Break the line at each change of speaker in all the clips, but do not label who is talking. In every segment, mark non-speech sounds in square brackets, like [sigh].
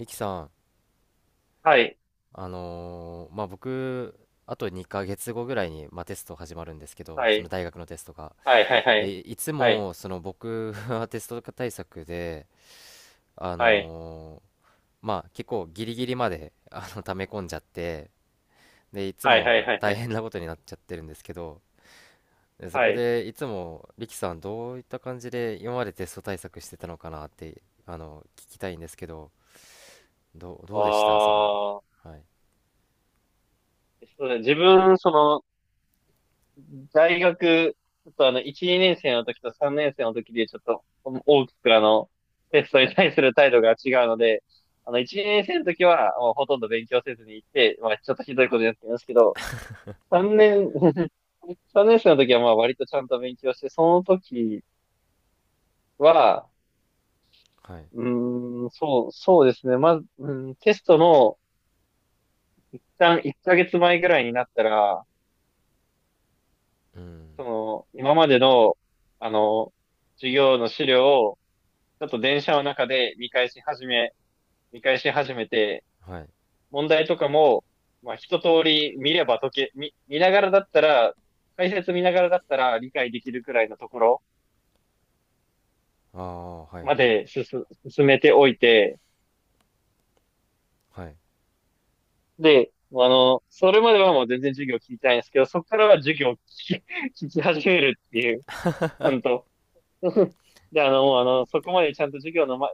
ミキさん、
はい、
まあ、僕、あと2ヶ月後ぐらいに、まあ、テスト始まるんですけど、
は
その
い、
大学のテストが。
はい、はい、は
で、
い、
いつ
はい、
も、その僕は [laughs] テスト対策で、あ
はい、
のーまあ、結構ギリギリまで、[laughs] 溜め込んじゃって、で、いつ
はい、はい、
も
はい、は
大
い、
変なことになっちゃってるんですけど、で、そ
は
こ
い。
で、いつも、リキさん、どういった感じで今までテスト対策してたのかなって、聞きたいんですけど、どうでした
あ
その、
あ、
はい、
そうだね自分、大学、ちょっと1、2年生の時と3年生の時で、ちょっと、大きくテストに対する態度が違うので、1、2年生の時は、もうほとんど勉強せずに行って、まあ、ちょっとひどいことやってますけど、3年、[laughs] 3年生の時は、まあ、割とちゃんと勉強して、その時は、
はい、
うそうですね。まず、うん、テストの、一旦1ヶ月前ぐらいになったら、
うん、
今までの、あの、授業の資料を、ちょっと電車の中で見返し始めて、
はい。
問題とかも、まあ、一通り見れば解け、見ながらだったら、解説見ながらだったら理解できるくらいのところ
ああ、はいはい。
まで進めておいて、
はい。
で、それまではもう全然授業聞いてないんですけど、そこからは授業を聞き、[laughs] 聞き始めるっていう、ちゃんと。[laughs] で、あの、もうあの、そこまでちゃんと授業の、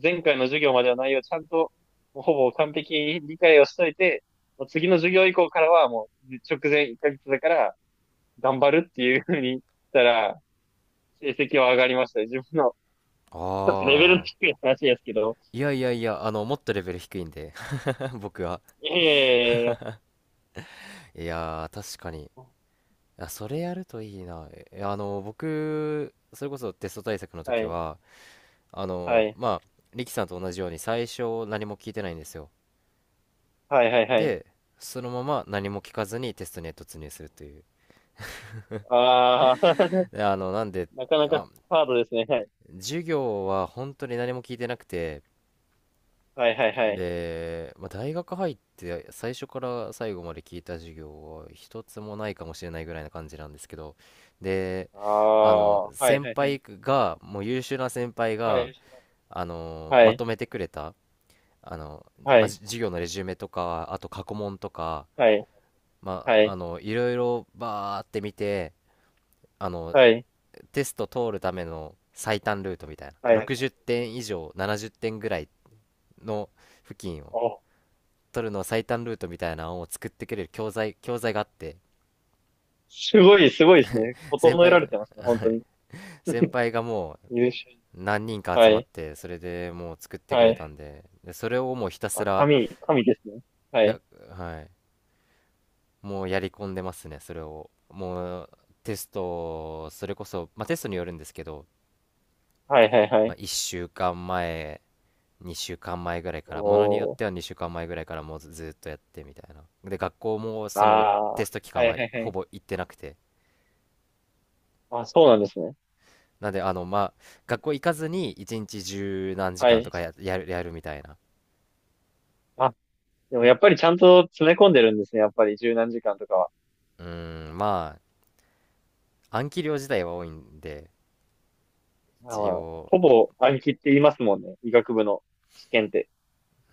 前回の授業までの内容をちゃんと、もうほぼ完璧に理解をしといて、もう次の授業以降からはもう直前1ヶ月だから頑張るっていうふうにしたら、成績は上がりましたね。自分の、
あ
ちょっとレベル
あ。
低い話ですけど。
いやいやいや、もっとレベル低いんで、[laughs] 僕は。
いやいやいやいや、
いやー、確かに。いや、それやるといいな。えあの、僕、それこそテスト対策の
は
時
い、
は、
はい、
まあ、リキさんと同じように最初何も聞いてないんですよ。
はい、はい、はい。
で、そのまま何も聞かずにテストに突入するという。
ああ、
で、なんで、
なかな
あ、
かハードですね。はい。
授業は本当に何も聞いてなくて、
はいはいはい。
で、まあ、大学入って最初から最後まで聞いた授業は一つもないかもしれないぐらいな感じなんですけど。で、
ああ、はい
先
はいはい。
輩がもう優秀な先輩
は
が
い。は
ま
い。
とめてくれた。あの、
は
まあ、
い。
授業のレジュメとかあと過去問とか、
はい。
ま
は
あ、
い。
いろいろバーって見て、あのテスト通るための最短ルートみたいな、
はい。はい。
60点以上70点ぐらいの付近を
お、
取るの最短ルートみたいなのを作ってくれる教材があって、
すごいですね。
[laughs] 先
整え
輩、
られてますね。本当に。
先輩がもう
優秀。
何人か
は
集まっ
い。
て、それでもう作ってく
は
れた
い。
んで、でそれをもうひたす
あ、
ら、
神ですね。は
や、
い。
はい、もうやり込んでますね、それを。もうテスト、それこそ、まあ、テストによるんですけど、
はいはいは
まあ、
い。
1週間前、2週間前ぐらいから、ものによっ
おー。
ては2週間前ぐらいからもうずっとやってみたいな。で、学校も
あ
その
あ、は
テスト期間
い
は
はいは
ほ
い。
ぼ行ってなくて、
あ、そうなんですね。
なんで、まあ、学校行かずに一日十何時
は
間と
い。
かやるみたいな。
あ、でもやっぱりちゃんと詰め込んでるんですね。やっぱり十何時間とかは。
うーん、まあ、暗記量自体は多いんで、
まあ
一
ー
応、
ほぼ暗記って言いますもんね。医学部の試験って。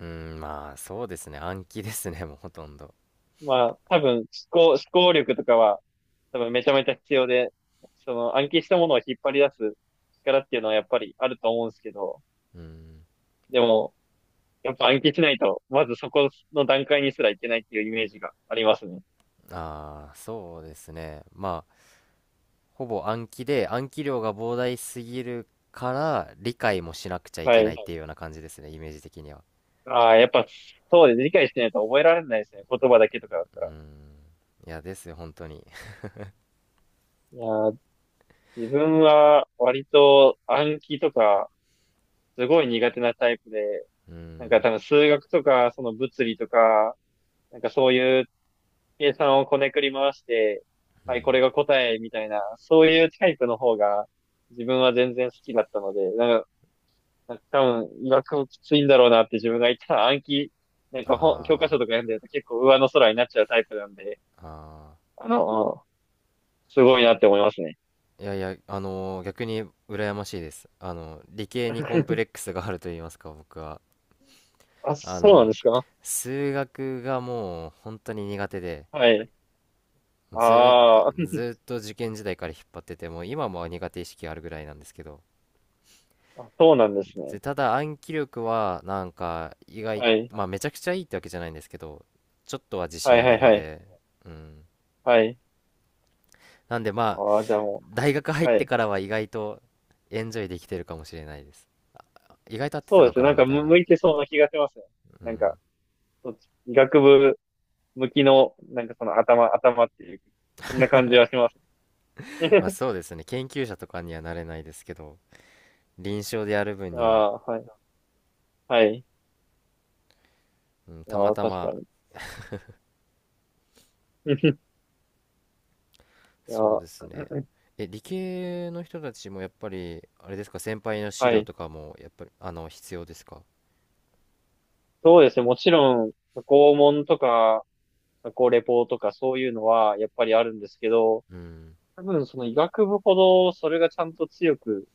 うーん、まあ、そうですね、暗記ですね、[laughs] もうほとんど。
まあ、多分、思考力とかは、多分めちゃめちゃ必要で、その暗記したものを引っ張り出す力っていうのはやっぱりあると思うんですけど、
うーん、
でも、やっぱ暗記しないと、まずそこの段階にすらいけないっていうイメージがありますね。
ああ、そうですね。まあ、ほぼ暗記で、暗記量が膨大すぎるから、理解もしなくちゃい
は
けな
い。
いっていうような感じですね、イメージ的には。
ああ、やっぱ、そうです。理解してないと覚えられないですね。言葉だけとかだった
うー
ら。
ん、いや、ですよ、本当に。
いやー、自分は割と暗記とか、すごい苦手なタイプで、
[laughs] うー
なんか
ん、
多分数学とか、その物理とか、なんかそういう計算をこねくり回して、
う
はい、こ
ん、
れが答えみたいな、そういうタイプの方が自分は全然好きだったので、なんか多分、医学もきついんだろうなって自分が言ったら暗記、なんか教科書
あ
とか読んでると結構上の空になっちゃうタイプなんで、
あ、ああ。
あの、すごいなって思いますね。
いやいや、逆に羨ましいです。理系にコンプ
[laughs]
レックスがあると言いますか、僕は。
あ、
あ
そうなん
の、
ですか？
数学がもう本当に苦手で、
はい。
ずーっ
あ
と、ず
ー
ーっと受験時代から引っ張ってて、もう今も苦手意識あるぐらいなんですけど。
あ、そうなんですね。
で、ただ暗記力はなんか意外、
はい。
まあ、めちゃくちゃいいってわけじゃないんですけど、ちょっとは自
は
信
い
あ
は
る
い
の
はい。
で、うん。
はい。
なんでまあ、
ああ、じゃあも
大学入
う、
っ
は
て
い。
からは意外とエンジョイできてるかもしれないです。意外と合って
そ
た
うで
の
すね。
か
な
な
ん
み
か
たいな。
向いてそうな気がしますね。
う
なんか、
ん。
そっち医学部向きの、なんかその頭っていう、そんな感じはします。
まあ、
[laughs]
そうですね、研究者とかにはなれないですけど、臨床でやる分
あ
には、
あ、はい。はい。
うん、た
あ
ま
あ、
た
確か
ま。
に。[laughs] いや、
そうですね、理系の人たちもやっぱりあれですか？先輩の資
は
料
い。
とかもやっぱり必要ですか？
そうですね。もちろん、過去問とか、過去レポとかそういうのは、やっぱりあるんですけど、
うん。
多分その医学部ほど、それがちゃんと強く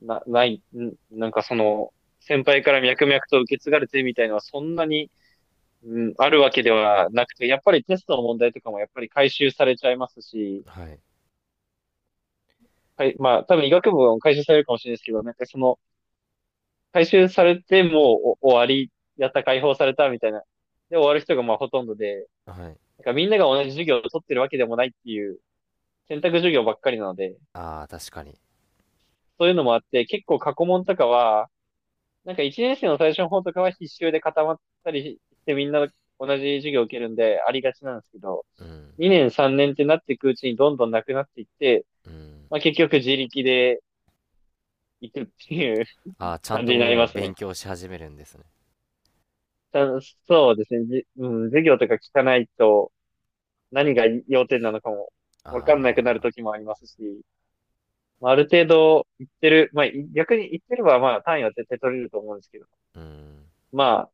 な、ない、んなんかその、先輩から脈々と受け継がれてみたいのはそんなに、うん、あるわけではなくて、やっぱりテストの問題とかもやっぱり回収されちゃいますし、
はい、
はい、まあ、多分医学部は回収されるかもしれないですけど、なんかその、回収されてもうお終わり、やった、解放されたみたいな。で、終わる人がまあほとんどで、
はい。
なんかみんなが同じ授業を取ってるわけでもないっていう選択授業ばっかりなので、
ああ、確かに。
そういうのもあって、結構過去問とかは、なんか1年生の最初の方とかは必修で固まったりしてみんな同じ授業を受けるんでありがちなんですけど、
うん、
2年3年ってなっていくうちにどんどんなくなっていって、
うん。
まあ結局自力で行くっていう
ああ、ちゃん
感じ
と
になり
も
ま
う
すね。
勉強し始めるんですね。
たそうですね。うん、授業とか聞かないと何が要点なのかも
あ
わかんなくなる
あ、
時もありますし、まあ、ある程度言ってる、まあ、逆に言ってればまあ単位は絶対取れると思うんですけど、
うん。
まあ、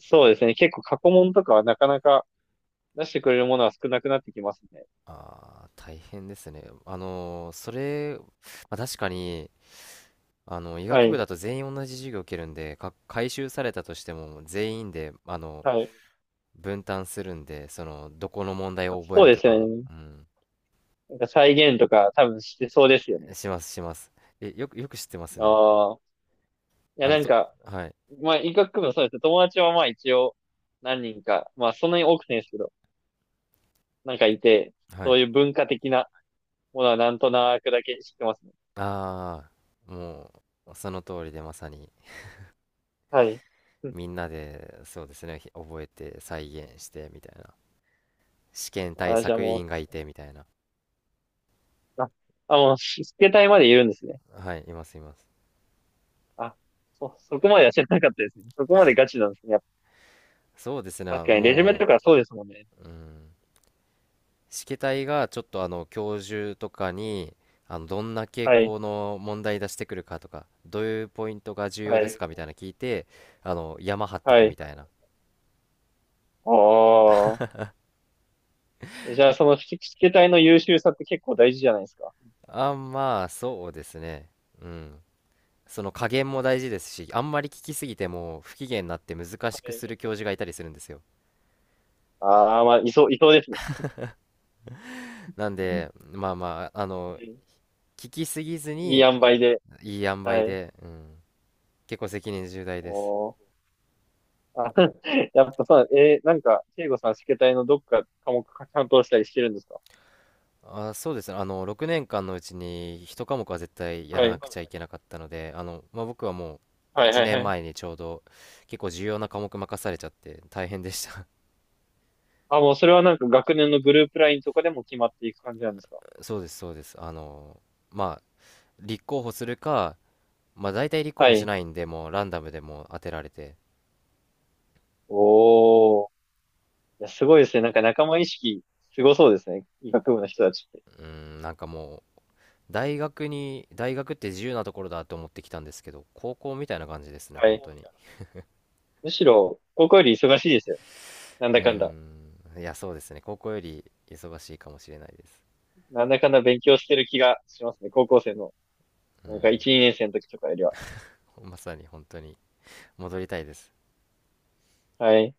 そうですね。結構過去問とかはなかなか出してくれるものは少なくなってきますね。
ああ、大変ですね。それ、まあ、確かに、医
は
学部
い。
だと全員同じ授業を受けるんで、回収されたとしても全員で、
はい。
分担するんで、どこの問題を覚え
そう
る
で
と
すよ
か、
ね。
うん、
なんか再現とか多分してそうですよね。
します、します。よく知ってますね。
ああ。いや、
あの、
なん
と、
か、
はい、
まあ、医学部もそうです。友達はまあ一応何人か、まあそんなに多くないですけど、なんかいて、
は
そ
い。
ういう文化的なものはなんとなくだけ知ってますね。
ああ、もう、その通りでまさに、
はい。うん、
みんなで、そうですね、覚えて、再現して、みたいな。試験対
あ、じゃあ
策委員
も
がいて、みたいな。
う、あ、あ、もう、スケ隊までいるんですね。
はい、います、います。
あ、そこまでは知らなかったですね。そこまでガチなんですね。やっ
そうですね、
ぱ確かに、レジュメ
も
とかそうですもんね。
う、うん。試験体がちょっと教授とかにどんな傾
はい、
向の問題出してくるかとか、どういうポイントが重
は
要です
い、
かみたいな聞いて、山張って
は
くみ
い。
たいな。
ああ。じゃあ、そのスケスケ隊の優秀さって結構大事じゃないですか。
あ、まあ、そうですね。うん。その加減も大事ですし、あんまり聞きすぎても不機嫌になって難
は
しく
い、
する教授がいたりするんですよ。
ああ、まあ、いそう、いそうですね。
なん
うん、
で、まあまあ、
い
聞きすぎず
い
に
塩梅で。
いい塩梅
はい。
で、うん、結構責任重大です。
おー。あ、[laughs] やっぱさ、なんか、慶吾さん、試験体のどっか科目担当したりしてるんですか？
あ、そうですね。6年間のうちに1科目は絶対や
は
らな
い。
くちゃいけなかったので、まあ、僕はもう
はい
1
はい
年
はい。
前にちょうど結構重要な科目任されちゃって大変でした。
あ、もうそれはなんか学年のグループラインとかでも決まっていく感じなんですか？
[laughs] そうです、そうです。まあ、立候補するか、まあ、大体立候
は
補し
い。
ないんで、もうランダムでもう当てられて、
おー。いや、すごいですね。なんか仲間意識、すごそうですね。医学部の人たちって。
うん、なんかもう、大学って自由なところだと思ってきたんですけど、高校みたいな感じですね、
は
本
い。
当に。
むしろ、高校より忙しいですよ。なん
う
だかんだ。
ん、いや、そうですね。高校より忙しいかもしれないです。
なんだかんだ勉強してる気がしますね。高校生の、
う
なんか
ん。
1、2年生の時とかよりは。
まさに本当に戻りたいです
はい。